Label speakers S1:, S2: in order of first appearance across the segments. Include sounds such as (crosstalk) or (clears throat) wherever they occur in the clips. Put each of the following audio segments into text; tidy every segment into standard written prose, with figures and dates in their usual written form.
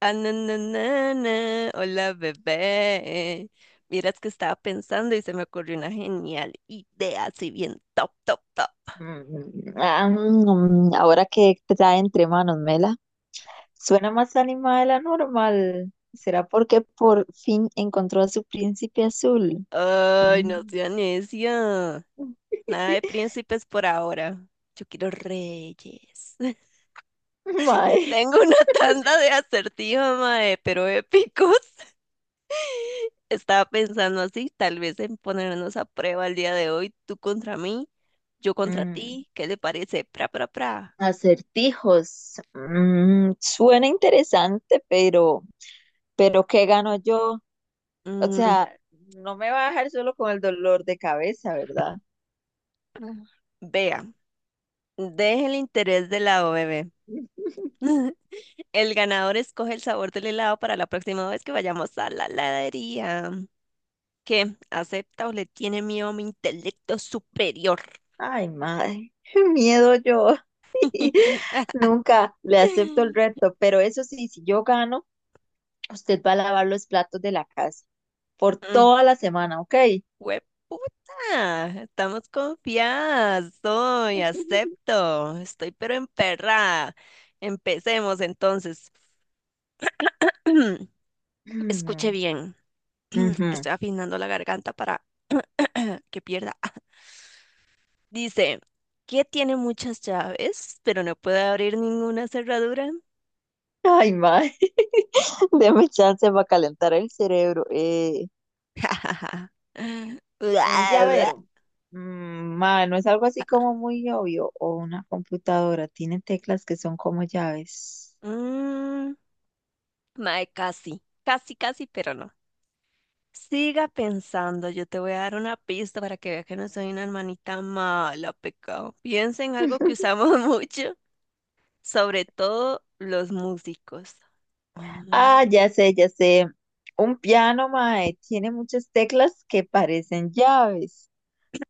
S1: Ah, na, na, na, na. Hola, bebé. Miras que estaba pensando y se me ocurrió una genial idea, así bien top, top, top.
S2: Ahora que trae entre manos, Mela, suena más animada de la normal. ¿Será porque por fin encontró a su príncipe azul?
S1: Ay, no
S2: Mm.
S1: sea necia. Nada de
S2: (laughs)
S1: príncipes por ahora. Yo quiero reyes. (laughs)
S2: Mae.
S1: Tengo una tanda de acertijos, mae, pero épicos. Estaba pensando así, tal vez en ponernos a prueba el día de hoy, tú contra mí, yo contra
S2: Mm,
S1: ti. ¿Qué le parece? Pra, pra, pra.
S2: Acertijos. Suena interesante, pero ¿qué gano yo? O
S1: Mm,
S2: sea, no me va a dejar solo con el dolor de cabeza, ¿verdad?
S1: vea. Deje el interés de lado, bebé. (laughs) El ganador escoge el sabor del helado para la próxima vez que vayamos a la heladería. ¿Qué? ¿Acepta o le tiene miedo a mi intelecto superior?
S2: Ay, madre, (laughs) qué miedo yo. (laughs)
S1: (laughs)
S2: Nunca le acepto el reto, pero eso sí, si yo gano, usted va a lavar los platos de la casa por
S1: Mm,
S2: toda la semana, ¿ok?
S1: ¡hueputa! Estamos confiadas. Soy. Acepto. Estoy pero emperrada. Empecemos entonces. (clears throat) Escuche
S2: Mm,
S1: bien. (clears throat)
S2: ujú.
S1: Estoy afinando la garganta para (clears throat) que pierda. Dice, ¿qué tiene muchas llaves, pero no puede abrir ninguna cerradura?
S2: Ay, madre, (laughs) déme chance para calentar el cerebro. Eh,
S1: (laughs)
S2: un llavero. Madre, no es algo así como muy obvio. O una computadora, tiene teclas que son como llaves.
S1: Mm, mae, casi, casi, casi, pero no. Siga pensando, yo te voy a dar una pista para que vea que no soy una hermanita mala, pecado. Piensa en algo que usamos (laughs) mucho, sobre todo los músicos. Mm,
S2: Ah, ya sé, ya sé. Un piano, mae, tiene muchas teclas que parecen llaves,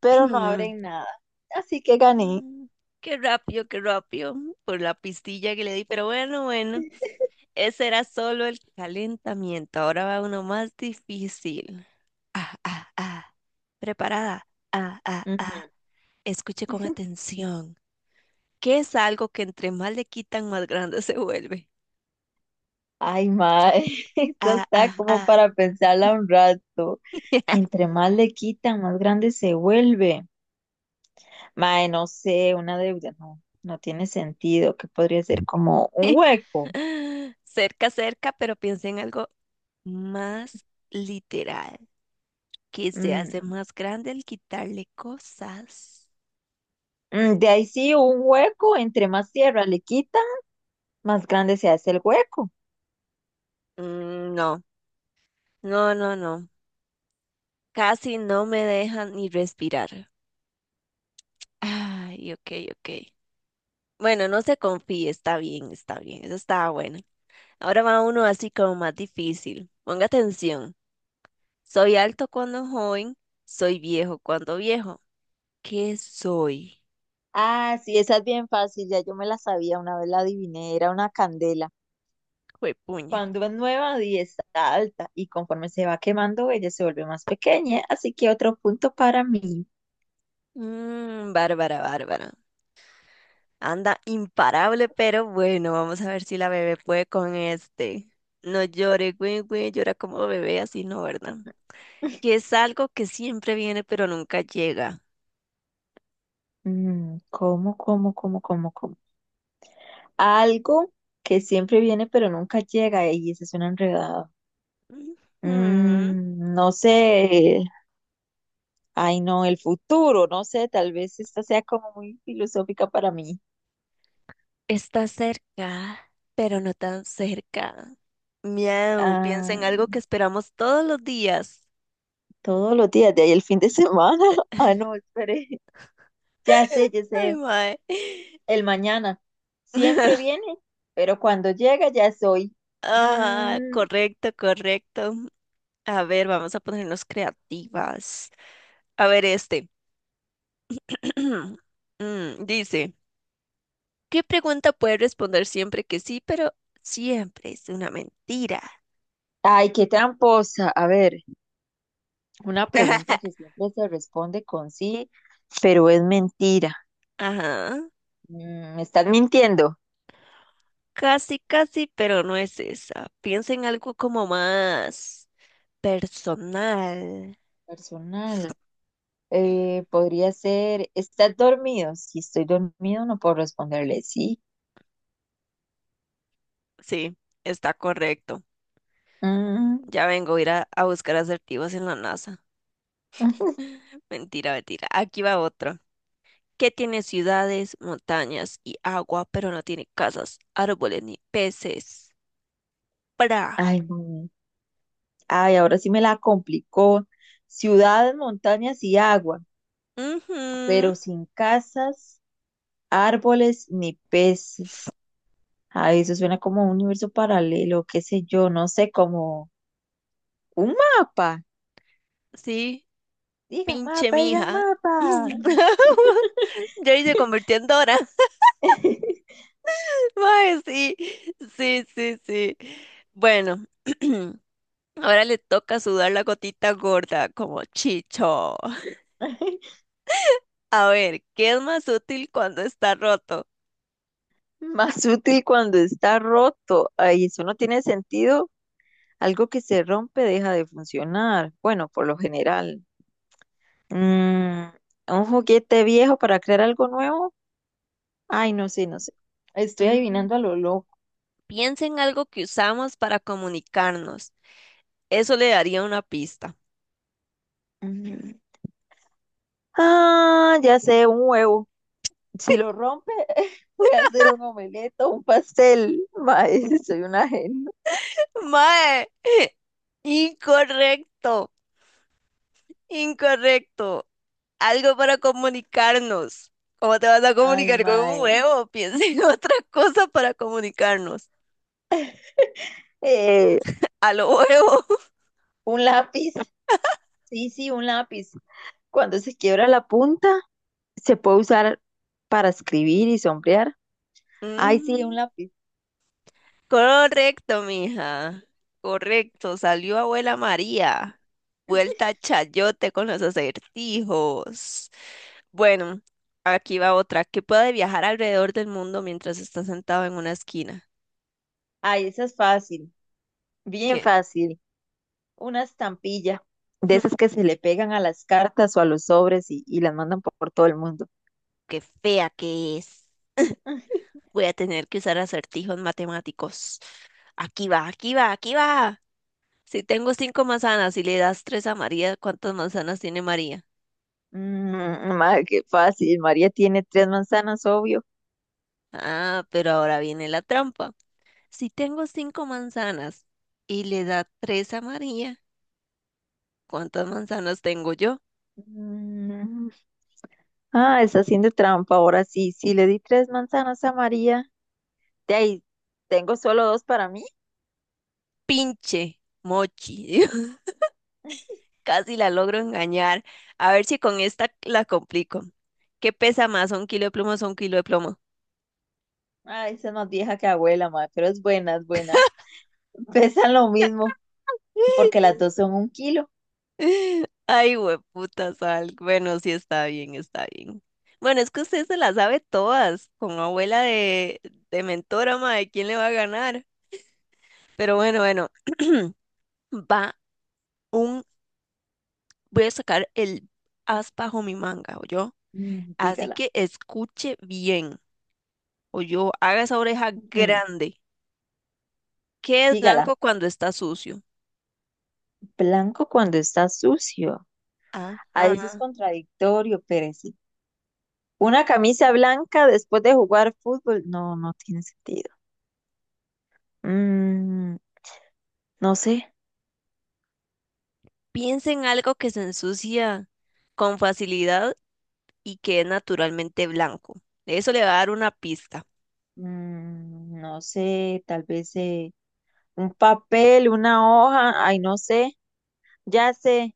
S2: pero no abren nada. Así que gané.
S1: Mm, qué rápido, qué rápido, por la pistilla que le di, pero bueno, bueno. Ese era solo el calentamiento. Ahora va uno más difícil. Ah, ah, ah. Preparada. Ah, ah, ah.
S2: Ujú.
S1: Escuche con atención. ¿Qué es algo que entre más le quitan, más grande (laughs) se vuelve?
S2: Ay, mae, (laughs) esto
S1: Ah, ah,
S2: está como
S1: ah.
S2: para pensarla un rato. Entre más le quitan, más grande se vuelve. Mae, no sé, una deuda no, no tiene sentido, que podría ser como un
S1: (laughs)
S2: hueco.
S1: Cerca, cerca, pero piense en algo más literal, que se hace
S2: Mm,
S1: más grande al quitarle cosas.
S2: de ahí sí, un hueco, entre más tierra le quitan, más grande se hace el hueco.
S1: Mm, no, no, no, no. Casi no me dejan ni respirar. Ay, ok, ok. Bueno, no se confíe, está bien, eso estaba bueno. Ahora va uno así como más difícil. Ponga atención. Soy alto cuando joven, soy viejo cuando viejo. ¿Qué soy?
S2: Ah, sí, esa es bien fácil, ya yo me la sabía, una vez la adiviné, era una candela.
S1: Juepuña.
S2: Cuando es nueva y está alta, y conforme se va quemando, ella se vuelve más pequeña, así que otro punto para mí.
S1: Mmm, Bárbara, Bárbara. Anda imparable, pero bueno, vamos a ver si la bebé puede con este. No llore, güey, güey, llora como bebé, así no, ¿verdad?
S2: (laughs)
S1: Que es algo que siempre viene, pero nunca llega.
S2: ¿Cómo, cómo, cómo, cómo, cómo? Algo que siempre viene pero nunca llega, y ese es un enredado.
S1: Ujú.
S2: No sé, ay, no, el futuro, no sé, tal vez esta sea como muy filosófica para mí.
S1: Está cerca, pero no tan cerca. Miau, piensa
S2: Ah.
S1: en algo que esperamos todos los días.
S2: Todos los días, de ahí el fin de semana. (laughs) Ah, no, espere. Ya sé, ya
S1: Ay,
S2: sé.
S1: mae.
S2: El mañana. Siempre
S1: (laughs)
S2: viene, pero cuando llega ya es hoy.
S1: Ah,
S2: Mm,
S1: correcto, correcto. A ver, vamos a ponernos creativas. A ver, este. (clears throat) Dice, ¿qué pregunta puede responder siempre que sí, pero siempre es una mentira?
S2: Ay, qué tramposa. A ver, una pregunta
S1: (laughs)
S2: que siempre se responde con sí, pero es mentira.
S1: Ajá,
S2: ¿Me estás mintiendo?
S1: casi, casi, pero no es esa. Piensa en algo como más personal.
S2: Personal. Podría ser, ¿estás dormido? Si estoy dormido, no puedo responderle sí.
S1: Sí, está correcto.
S2: Mm,
S1: Ya vengo a ir a buscar asertivos en la NASA.
S2: ujú.
S1: (laughs) Mentira, mentira. Aquí va otro. ¿Qué tiene ciudades, montañas y agua, pero no tiene casas, árboles ni peces? ¡Pra!
S2: Ay, no. Ay, ahora sí me la complicó. Ciudades, montañas y agua,
S1: Ujú,
S2: pero sin casas, árboles ni peces. Ay, eso suena como un universo paralelo, qué sé yo, no sé, como un mapa.
S1: sí,
S2: Digan
S1: pinche
S2: mapa, digan
S1: mija.
S2: mapa.
S1: (laughs) Jerry se convirtió en Dora. (laughs) Mae, sí, sí, sí, sí. Bueno, (clears throat) ahora le toca sudar la gotita gorda como Chicho.
S2: (laughs)
S1: A ver, ¿qué es más útil cuando está roto?
S2: Más útil cuando está roto. Ay, eso no tiene sentido. Algo que se rompe deja de funcionar. Bueno, por lo general. Mm, un juguete viejo para crear algo nuevo. Ay, no sé, no sé. Estoy
S1: Mm,
S2: adivinando a lo loco.
S1: Piensa en algo que usamos para comunicarnos. Eso le daría una pista.
S2: Mm. Ah, ya sé, un huevo. Si lo rompe, (laughs) voy a hacer un omelette o un pastel. Mae, (laughs) soy una genia.
S1: Mae, (laughs) incorrecto, incorrecto. Algo para comunicarnos. ¿Cómo te vas a
S2: Ay,
S1: comunicar con un
S2: mae.
S1: huevo? (laughs) Piensa en otra cosa para comunicarnos.
S2: Eh,
S1: A lo huevo. (laughs)
S2: un lápiz. Sí, sí, un lápiz. Cuando se quiebra la punta, se puede usar para escribir y sombrear. Ay, sí, un
S1: Mm,
S2: lápiz.
S1: correcto, mija. Correcto, salió abuela María. Vuelta chayote con los acertijos. Bueno, aquí va otra. Que puede viajar alrededor del mundo mientras está sentado en una esquina?
S2: Ay, esa es fácil. Bien
S1: Qué,
S2: fácil. Una estampilla. De esas
S1: (laughs)
S2: que se le pegan a las cartas o a los sobres y las mandan por todo el mundo.
S1: qué fea que es.
S2: (laughs)
S1: Voy a tener que usar acertijos matemáticos. Aquí va, aquí va, aquí va. Si tengo cinco manzanas y le das tres a María, ¿cuántas manzanas tiene María?
S2: Ma, qué fácil. María tiene tres manzanas, obvio.
S1: Ah, pero ahora viene la trampa. Si tengo cinco manzanas y le da tres a María, ¿cuántas manzanas tengo yo?
S2: Mm, ah, está haciendo trampa. Ahora sí, sí le di tres manzanas a María. De ahí, tengo solo dos para mí.
S1: Pinche mochi. (laughs) Casi la logro engañar. A ver si con esta la complico. ¿Qué pesa más? ¿Un kilo de plumas o un kilo de plomo?
S2: Ah, esa es más vieja que abuela, ma, pero es buena, es buena. Pesan lo mismo, porque las
S1: (laughs)
S2: dos son un kilo.
S1: Ay, hueputa sal. Bueno, sí está bien, está bien. Bueno, es que usted se la sabe todas, con abuela de mentora, mae, ¿quién le va a ganar? Pero bueno, bueno, (clears throat) va un, voy a sacar el as bajo mi manga, yo.
S2: Mm,
S1: Así
S2: dígala.
S1: que escuche bien. O yo, haga esa oreja
S2: Mm,
S1: grande. ¿Qué es blanco
S2: dígala.
S1: cuando está sucio?
S2: Blanco cuando está sucio.
S1: Ah,
S2: A veces es
S1: ah.
S2: contradictorio, Pérez. Una camisa blanca después de jugar fútbol. No, no tiene sentido. Mm, no sé,
S1: Piensa en algo que se ensucia con facilidad y que es naturalmente blanco. Eso le va a dar una pista.
S2: no sé, tal vez un papel, una hoja, ay, no sé, ya sé,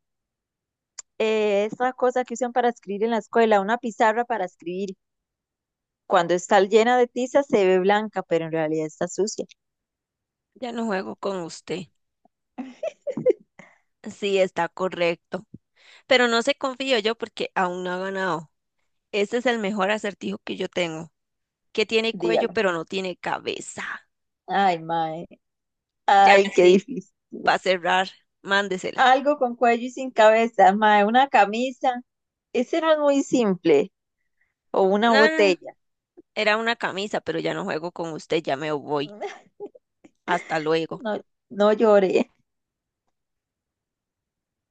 S2: esa cosa que usan para escribir en la escuela, una pizarra para escribir. Cuando está llena de tiza se ve blanca, pero en realidad está sucia.
S1: Ya no juego con usted. Sí, está correcto. Pero no se confío yo porque aún no ha ganado. Este es el mejor acertijo que yo tengo, que tiene cuello
S2: Dígalo.
S1: pero no tiene cabeza.
S2: Ay, mae,
S1: Ya
S2: ay, qué
S1: sí,
S2: difícil.
S1: para cerrar, mándesela.
S2: Algo con cuello y sin cabeza, mae, una camisa. Ese no es muy simple. O una
S1: No, no, no,
S2: botella.
S1: era una camisa, pero ya no juego con usted, ya me voy.
S2: (laughs)
S1: Hasta luego.
S2: No, no lloré.